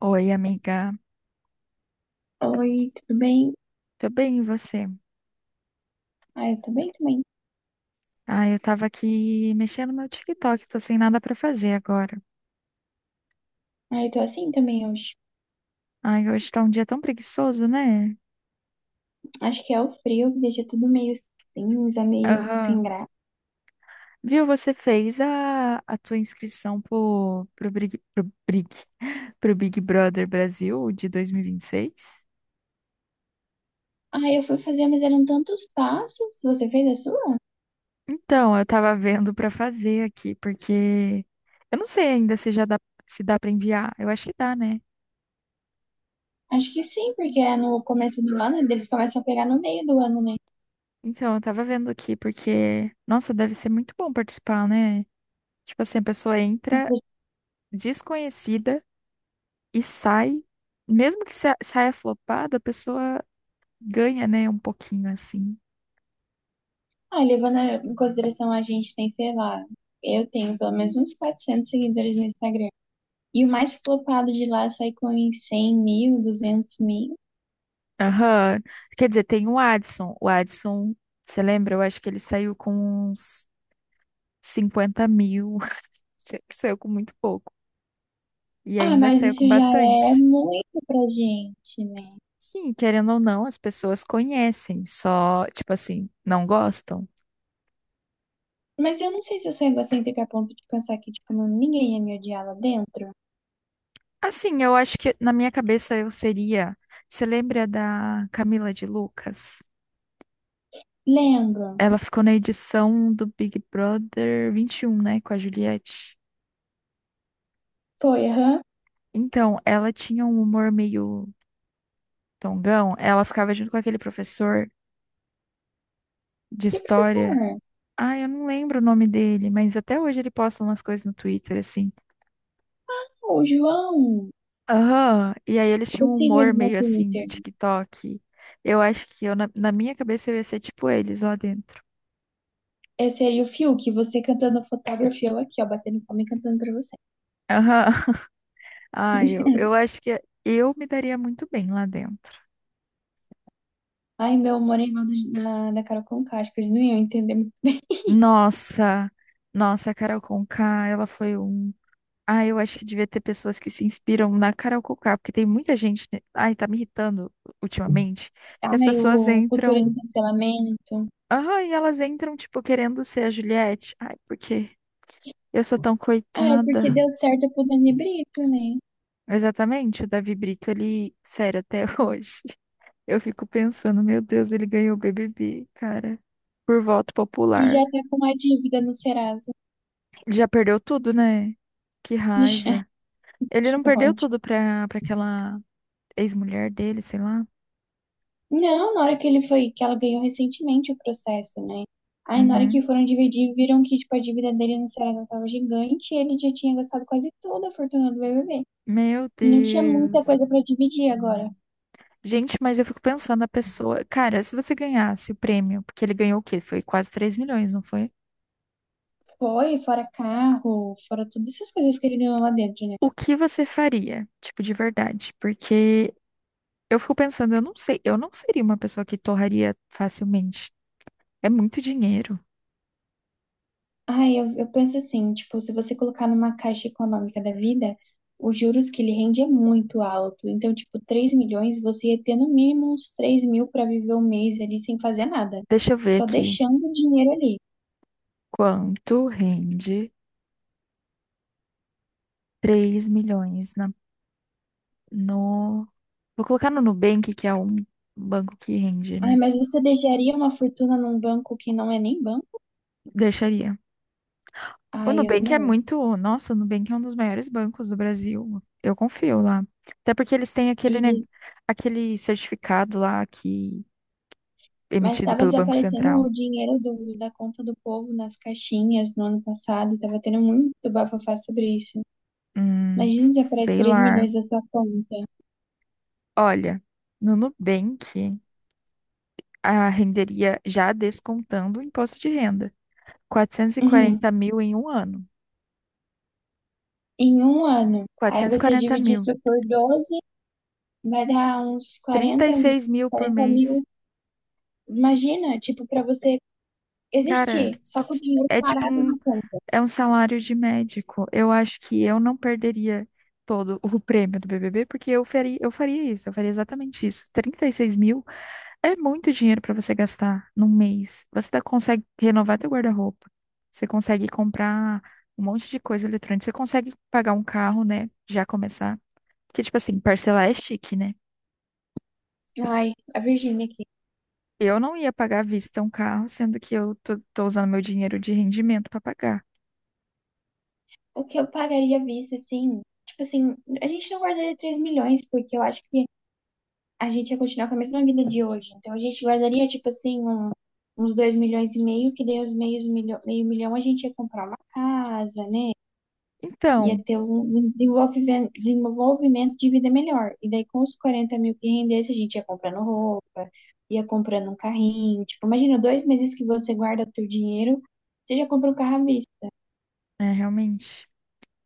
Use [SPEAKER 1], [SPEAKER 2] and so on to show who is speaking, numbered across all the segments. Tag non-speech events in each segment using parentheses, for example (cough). [SPEAKER 1] Oi, amiga.
[SPEAKER 2] Oi, tudo bem?
[SPEAKER 1] Tô bem, e você?
[SPEAKER 2] Ah, eu tô bem também.
[SPEAKER 1] Ah, eu tava aqui mexendo no meu TikTok, tô sem nada pra fazer agora.
[SPEAKER 2] Ah, eu tô assim também hoje.
[SPEAKER 1] Ai, hoje tá um dia tão preguiçoso, né?
[SPEAKER 2] Acho que é o frio que deixa tudo meio cinza, meio sem
[SPEAKER 1] Aham.
[SPEAKER 2] graça.
[SPEAKER 1] Viu, você fez a tua inscrição Big, (laughs) pro Big Brother Brasil de 2026?
[SPEAKER 2] Ah, eu fui fazer, mas eram tantos passos. Você fez a sua?
[SPEAKER 1] Então, eu tava vendo pra fazer aqui, porque eu não sei ainda se já dá, se dá pra enviar. Eu acho que dá, né?
[SPEAKER 2] Acho que sim, porque é no começo do ano, e eles começam a pegar no meio do ano, né?
[SPEAKER 1] Então, eu tava vendo aqui, porque, nossa, deve ser muito bom participar, né? Tipo assim, a pessoa entra desconhecida e sai, mesmo que saia flopada, a pessoa ganha, né, um pouquinho assim.
[SPEAKER 2] Ah, levando em consideração a gente tem, sei lá, eu tenho pelo menos uns 400 seguidores no Instagram. E o mais flopado de lá sai com uns 100 mil, 200 mil.
[SPEAKER 1] Aham. Quer dizer, tem o Adson. O Adson, você lembra? Eu acho que ele saiu com uns 50 mil. (laughs) Saiu com muito pouco. E
[SPEAKER 2] Ah,
[SPEAKER 1] ainda
[SPEAKER 2] mas
[SPEAKER 1] saiu
[SPEAKER 2] isso
[SPEAKER 1] com
[SPEAKER 2] já é
[SPEAKER 1] bastante.
[SPEAKER 2] muito pra gente, né?
[SPEAKER 1] Sim, querendo ou não, as pessoas conhecem, só, tipo assim, não gostam.
[SPEAKER 2] Mas eu não sei se eu sou egocêntrica a ponto de pensar que, tipo, ninguém ia me odiar lá dentro.
[SPEAKER 1] Assim, eu acho que na minha cabeça eu seria. Você lembra da Camila de Lucas?
[SPEAKER 2] Lembro.
[SPEAKER 1] Ela ficou na edição do Big Brother 21, né, com a Juliette.
[SPEAKER 2] Foi, aham.
[SPEAKER 1] Então, ela tinha um humor meio tongão. Ela ficava junto com aquele professor de
[SPEAKER 2] Que
[SPEAKER 1] história.
[SPEAKER 2] professor?
[SPEAKER 1] Ah, eu não lembro o nome dele, mas até hoje ele posta umas coisas no Twitter, assim.
[SPEAKER 2] Ô, João.
[SPEAKER 1] Aham. E aí eles
[SPEAKER 2] Eu
[SPEAKER 1] tinham um
[SPEAKER 2] sigo ele
[SPEAKER 1] humor
[SPEAKER 2] no
[SPEAKER 1] meio assim de
[SPEAKER 2] Twitter.
[SPEAKER 1] TikTok. Eu acho que eu, na minha cabeça, eu ia ser tipo eles lá dentro.
[SPEAKER 2] Esse aí, o Fiuk, você cantando fotografia, eu aqui, ó, batendo palma e cantando pra você.
[SPEAKER 1] Aham. (laughs) Ah, eu acho que eu me daria muito bem lá dentro.
[SPEAKER 2] Ai, meu moreno da Carol Conká, acho que eles não iam entender muito.
[SPEAKER 1] Nossa, nossa, a Carol Conká, ela foi um. Ah, eu acho que devia ter pessoas que se inspiram na Carol Conká, porque tem muita gente, né? Ai, tá me irritando ultimamente, que as
[SPEAKER 2] Ai, o
[SPEAKER 1] pessoas
[SPEAKER 2] a cultura do
[SPEAKER 1] entram.
[SPEAKER 2] cancelamento.
[SPEAKER 1] Ah, e elas entram, tipo, querendo ser a Juliette. Ai, porque eu sou tão
[SPEAKER 2] Ai, porque
[SPEAKER 1] coitada.
[SPEAKER 2] deu certo pro Dani Brito, né?
[SPEAKER 1] Exatamente, o Davi Brito, ele. Sério, até (laughs) hoje. Eu fico pensando, meu Deus, ele ganhou o BBB, cara, por voto
[SPEAKER 2] E já
[SPEAKER 1] popular.
[SPEAKER 2] tá com uma dívida no Serasa.
[SPEAKER 1] Já perdeu tudo, né? Que
[SPEAKER 2] (laughs)
[SPEAKER 1] raiva.
[SPEAKER 2] Já,
[SPEAKER 1] Ele
[SPEAKER 2] que
[SPEAKER 1] não perdeu
[SPEAKER 2] ódio.
[SPEAKER 1] tudo pra aquela ex-mulher dele, sei lá.
[SPEAKER 2] Não, na hora que ele foi, que ela ganhou recentemente o processo, né? Aí na hora que
[SPEAKER 1] Uhum.
[SPEAKER 2] foram dividir, viram que tipo, a dívida dele no Serasa estava gigante e ele já tinha gastado quase toda a fortuna do BBB.
[SPEAKER 1] Meu
[SPEAKER 2] Não tinha muita
[SPEAKER 1] Deus.
[SPEAKER 2] coisa para dividir agora.
[SPEAKER 1] Gente, mas eu fico pensando, a pessoa. Cara, se você ganhasse o prêmio, porque ele ganhou o quê? Foi quase 3 milhões, não foi?
[SPEAKER 2] Foi, fora carro, fora todas essas coisas que ele ganhou lá dentro, né?
[SPEAKER 1] O que você faria? Tipo, de verdade. Porque eu fico pensando, eu não sei, eu não seria uma pessoa que torraria facilmente. É muito dinheiro.
[SPEAKER 2] Ai, eu penso assim, tipo, se você colocar numa caixa econômica da vida, os juros que ele rende é muito alto. Então, tipo, 3 milhões, você ia ter no mínimo uns 3 mil para viver um mês ali sem fazer nada.
[SPEAKER 1] Deixa eu ver
[SPEAKER 2] Só
[SPEAKER 1] aqui.
[SPEAKER 2] deixando o dinheiro ali.
[SPEAKER 1] Quanto rende 3 milhões no. Vou colocar no Nubank, que é um banco que rende,
[SPEAKER 2] Ai,
[SPEAKER 1] né?
[SPEAKER 2] mas você deixaria uma fortuna num banco que não é nem banco?
[SPEAKER 1] Deixaria. O
[SPEAKER 2] Ai, eu
[SPEAKER 1] Nubank é
[SPEAKER 2] não.
[SPEAKER 1] muito. Nossa, o Nubank é um dos maiores bancos do Brasil. Eu confio lá. Até porque eles têm aquele, ne-
[SPEAKER 2] E,
[SPEAKER 1] aquele certificado lá que é
[SPEAKER 2] mas
[SPEAKER 1] emitido
[SPEAKER 2] estava
[SPEAKER 1] pelo Banco
[SPEAKER 2] desaparecendo
[SPEAKER 1] Central.
[SPEAKER 2] o dinheiro da conta do povo nas caixinhas no ano passado. Estava tendo muito bafafá sobre isso.
[SPEAKER 1] Hum,
[SPEAKER 2] Imagina, desaparece
[SPEAKER 1] Sei
[SPEAKER 2] 3
[SPEAKER 1] lá.
[SPEAKER 2] milhões da sua conta.
[SPEAKER 1] Olha, no Nubank, a renderia já descontando o imposto de renda.
[SPEAKER 2] (laughs)
[SPEAKER 1] 440 mil em um ano.
[SPEAKER 2] Em um ano. Aí você
[SPEAKER 1] 440
[SPEAKER 2] divide
[SPEAKER 1] mil.
[SPEAKER 2] isso por 12, vai dar uns
[SPEAKER 1] 36 mil por
[SPEAKER 2] 40 mil.
[SPEAKER 1] mês.
[SPEAKER 2] Imagina, tipo, pra você
[SPEAKER 1] Cara,
[SPEAKER 2] existir, só com o dinheiro
[SPEAKER 1] é tipo
[SPEAKER 2] parado
[SPEAKER 1] um
[SPEAKER 2] na conta.
[SPEAKER 1] É um salário de médico. Eu acho que eu não perderia todo o prêmio do BBB, porque eu faria isso, eu faria exatamente isso. 36 mil é muito dinheiro para você gastar num mês. Você consegue renovar teu guarda-roupa, você consegue comprar um monte de coisa eletrônica, você consegue pagar um carro, né? Já começar. Porque, tipo assim, parcelar é chique, né?
[SPEAKER 2] Ai, a Virgínia aqui.
[SPEAKER 1] Eu não ia pagar à vista um carro, sendo que eu tô usando meu dinheiro de rendimento para pagar.
[SPEAKER 2] O que eu pagaria à vista, assim? Tipo assim, a gente não guardaria 3 milhões, porque eu acho que a gente ia continuar com a mesma vida de hoje. Então a gente guardaria, tipo assim, uns 2,5 milhões, que daí meio milhão a gente ia comprar uma casa, né? Ia
[SPEAKER 1] Então,
[SPEAKER 2] ter desenvolvimento de vida melhor. E daí, com os 40 mil que rendesse, a gente ia comprando roupa, ia comprando um carrinho. Tipo, imagina, 2 meses que você guarda o teu dinheiro, você já compra um carro à vista.
[SPEAKER 1] é realmente.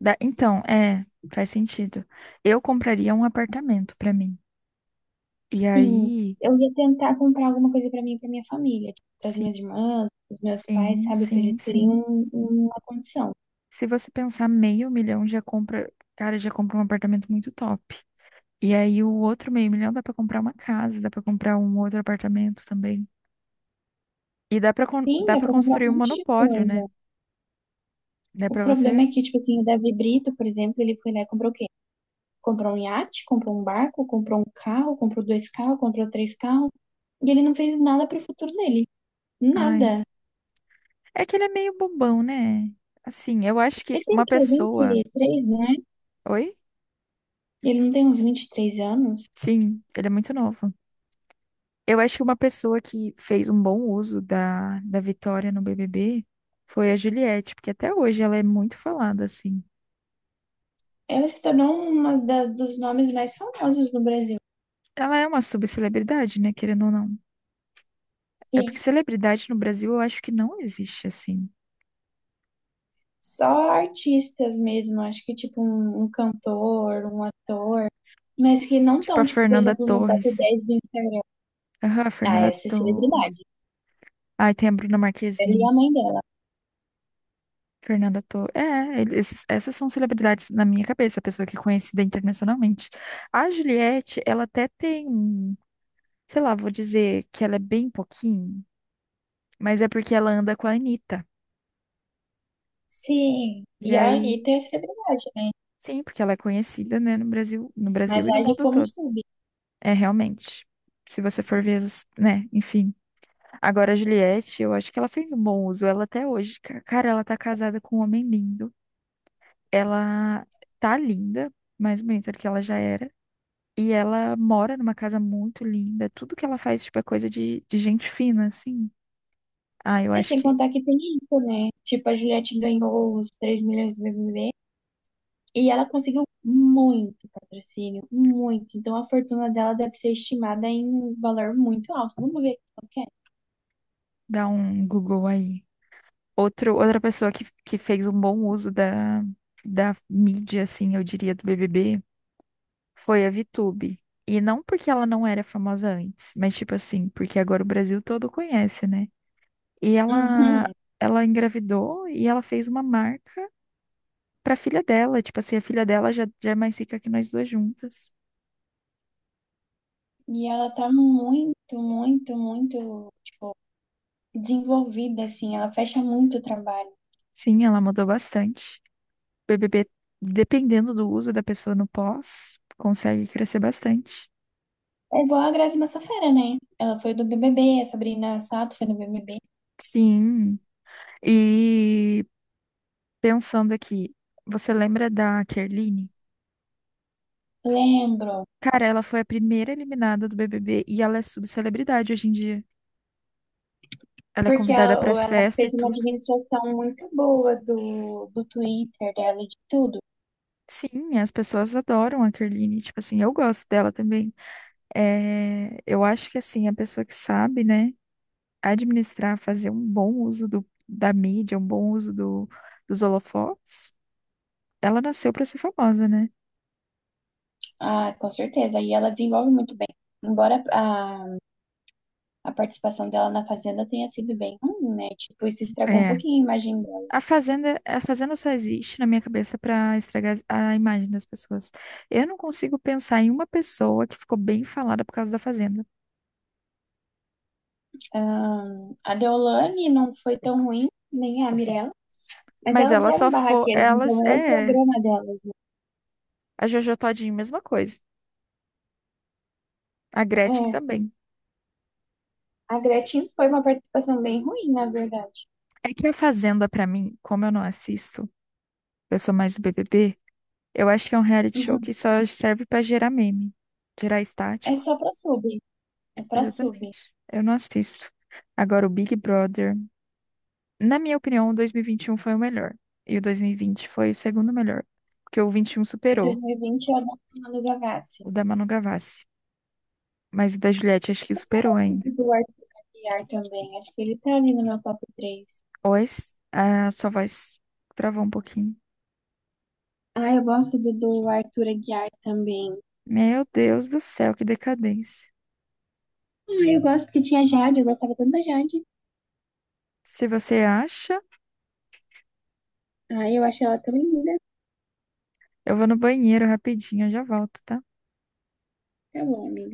[SPEAKER 1] Então, é, faz sentido. Eu compraria um apartamento pra mim. E
[SPEAKER 2] Sim,
[SPEAKER 1] aí,
[SPEAKER 2] eu ia tentar comprar alguma coisa pra mim e pra minha família, tipo, pras
[SPEAKER 1] sim,
[SPEAKER 2] minhas irmãs, pros meus pais,
[SPEAKER 1] sim,
[SPEAKER 2] sabe? Pra eles
[SPEAKER 1] sim,
[SPEAKER 2] terem
[SPEAKER 1] sim.
[SPEAKER 2] uma condição.
[SPEAKER 1] Se você pensar meio milhão, já compra, cara, já compra um apartamento muito top. E aí o outro meio milhão dá pra comprar uma casa, dá pra comprar um outro apartamento também. E
[SPEAKER 2] Sim,
[SPEAKER 1] dá
[SPEAKER 2] dá
[SPEAKER 1] para
[SPEAKER 2] pra comprar um
[SPEAKER 1] construir um
[SPEAKER 2] monte de
[SPEAKER 1] monopólio, né?
[SPEAKER 2] coisa.
[SPEAKER 1] Dá
[SPEAKER 2] O
[SPEAKER 1] pra
[SPEAKER 2] problema
[SPEAKER 1] você,
[SPEAKER 2] é que, tipo assim, o Davi Brito, por exemplo, ele foi lá e comprou o quê? Comprou um iate, comprou um barco, comprou um carro, comprou 2 carros, comprou 3 carros, e ele não fez nada pro futuro dele.
[SPEAKER 1] ai.
[SPEAKER 2] Nada.
[SPEAKER 1] É que ele é meio bobão, né? Assim, eu acho que
[SPEAKER 2] Ele tem o
[SPEAKER 1] uma
[SPEAKER 2] quê?
[SPEAKER 1] pessoa,
[SPEAKER 2] 23, né?
[SPEAKER 1] oi?
[SPEAKER 2] Ele não tem uns 23 anos?
[SPEAKER 1] Sim, ele é muito novo. Eu acho que uma pessoa que fez um bom uso da vitória no BBB foi a Juliette, porque até hoje ela é muito falada, assim.
[SPEAKER 2] Ela se tornou dos nomes mais famosos no Brasil.
[SPEAKER 1] Ela é uma subcelebridade, né? Querendo ou não. É porque
[SPEAKER 2] Sim.
[SPEAKER 1] celebridade no Brasil eu acho que não existe, assim.
[SPEAKER 2] Só artistas mesmo, acho que tipo um cantor, um ator, mas que não
[SPEAKER 1] Tipo a
[SPEAKER 2] estão, tipo, por
[SPEAKER 1] Fernanda
[SPEAKER 2] exemplo, no top
[SPEAKER 1] Torres.
[SPEAKER 2] 10 do Instagram.
[SPEAKER 1] Aham, a
[SPEAKER 2] Ah,
[SPEAKER 1] Fernanda
[SPEAKER 2] essa é
[SPEAKER 1] Torres.
[SPEAKER 2] celebridade.
[SPEAKER 1] Ai, tem a Bruna
[SPEAKER 2] Ela e a
[SPEAKER 1] Marquezine.
[SPEAKER 2] mãe dela.
[SPEAKER 1] Fernanda Torres. É, essas são celebridades na minha cabeça, a pessoa que é conhecida internacionalmente. A Juliette, ela até tem um sei lá, vou dizer que ela é bem pouquinho, mas é porque ela anda com a Anitta.
[SPEAKER 2] Sim,
[SPEAKER 1] E
[SPEAKER 2] e a Anitta
[SPEAKER 1] aí,
[SPEAKER 2] é celebridade, né?
[SPEAKER 1] sim, porque ela é conhecida, né, no Brasil
[SPEAKER 2] Mas
[SPEAKER 1] e no
[SPEAKER 2] olha
[SPEAKER 1] mundo
[SPEAKER 2] como
[SPEAKER 1] todo.
[SPEAKER 2] soube.
[SPEAKER 1] É realmente. Se você for ver, né, enfim. Agora a Juliette, eu acho que ela fez um bom uso, ela até hoje. Cara, ela tá casada com um homem lindo. Ela tá linda, mais bonita do que ela já era. E ela mora numa casa muito linda. Tudo que ela faz, tipo, é coisa de gente fina, assim. Ah, eu
[SPEAKER 2] É
[SPEAKER 1] acho
[SPEAKER 2] sem
[SPEAKER 1] que
[SPEAKER 2] contar que tem isso, né? Tipo, a Juliette ganhou os 3 milhões do BBB e ela conseguiu muito patrocínio, muito. Então a fortuna dela deve ser estimada em um valor muito alto. Vamos ver o que é.
[SPEAKER 1] dá um Google aí. Outra pessoa que fez um bom uso da mídia, assim, eu diria, do BBB, foi a VTube. E não porque ela não era famosa antes, mas tipo assim, porque agora o Brasil todo conhece, né? E ela,
[SPEAKER 2] Uhum.
[SPEAKER 1] ela engravidou e ela fez uma marca pra filha dela. Tipo assim, a filha dela já é mais rica que nós duas juntas.
[SPEAKER 2] E ela tá muito, tipo, desenvolvida, assim. Ela fecha muito o trabalho.
[SPEAKER 1] Sim, ela mudou bastante. O BBB, dependendo do uso da pessoa no pós, consegue crescer bastante.
[SPEAKER 2] É igual a Grazi Massafera, né? Ela foi do BBB, a Sabrina Sato foi do BBB.
[SPEAKER 1] Sim. E pensando aqui, você lembra da Kerline?
[SPEAKER 2] Lembro.
[SPEAKER 1] Cara, ela foi a primeira eliminada do BBB e ela é subcelebridade hoje em dia. Ela é
[SPEAKER 2] Porque
[SPEAKER 1] convidada
[SPEAKER 2] ela,
[SPEAKER 1] para
[SPEAKER 2] ou
[SPEAKER 1] as
[SPEAKER 2] ela
[SPEAKER 1] festas e
[SPEAKER 2] fez uma
[SPEAKER 1] tudo.
[SPEAKER 2] administração muito boa do Twitter dela e de tudo.
[SPEAKER 1] Sim, as pessoas adoram a Kerline. Tipo assim, eu gosto dela também. É, eu acho que assim, a pessoa que sabe, né, administrar, fazer um bom uso da mídia, um bom uso dos holofotes, ela nasceu para ser famosa, né?
[SPEAKER 2] Ah, com certeza. E ela desenvolve muito bem. Embora a participação dela na Fazenda tenha sido bem ruim, né? Tipo, isso estragou um
[SPEAKER 1] É,
[SPEAKER 2] pouquinho a imagem dela.
[SPEAKER 1] A fazenda, a fazenda só existe na minha cabeça para estragar a imagem das pessoas. Eu não consigo pensar em uma pessoa que ficou bem falada por causa da fazenda.
[SPEAKER 2] Ah, a Deolane não foi tão ruim, nem a Mirella. Mas
[SPEAKER 1] Mas
[SPEAKER 2] elas
[SPEAKER 1] ela só
[SPEAKER 2] eram
[SPEAKER 1] for,
[SPEAKER 2] barraqueiras,
[SPEAKER 1] elas
[SPEAKER 2] então era o
[SPEAKER 1] é
[SPEAKER 2] programa delas, né?
[SPEAKER 1] a Jojo Todinho, mesma coisa. A Gretchen
[SPEAKER 2] É.
[SPEAKER 1] também.
[SPEAKER 2] A Gretchen foi uma participação bem ruim, na verdade.
[SPEAKER 1] É que a fazenda para mim, como eu não assisto, eu sou mais do BBB, eu acho que é um reality show
[SPEAKER 2] Uhum.
[SPEAKER 1] que só serve para gerar meme, gerar
[SPEAKER 2] É
[SPEAKER 1] estático.
[SPEAKER 2] só pra sub. É pra sub.
[SPEAKER 1] Exatamente. Eu não assisto. Agora o Big Brother. Na minha opinião, o 2021 foi o melhor. E o 2020 foi o segundo melhor. Porque o 21
[SPEAKER 2] Em
[SPEAKER 1] superou
[SPEAKER 2] 2020 ela não do Gavassi.
[SPEAKER 1] o da Manu Gavassi. Mas o da Juliette acho que
[SPEAKER 2] Eu
[SPEAKER 1] superou ainda.
[SPEAKER 2] gosto do Arthur Aguiar também. Acho que ele tá ali no meu top 3.
[SPEAKER 1] Ois, a sua voz travou um pouquinho.
[SPEAKER 2] Ah, eu gosto do Arthur Aguiar também.
[SPEAKER 1] Meu Deus do céu, que decadência.
[SPEAKER 2] Ah, eu gosto porque tinha Jade. Eu gostava tanto da Jade.
[SPEAKER 1] Se você acha,
[SPEAKER 2] Ah, eu acho ela tão linda.
[SPEAKER 1] eu vou no banheiro rapidinho, eu já volto, tá?
[SPEAKER 2] Tá bom, amiga.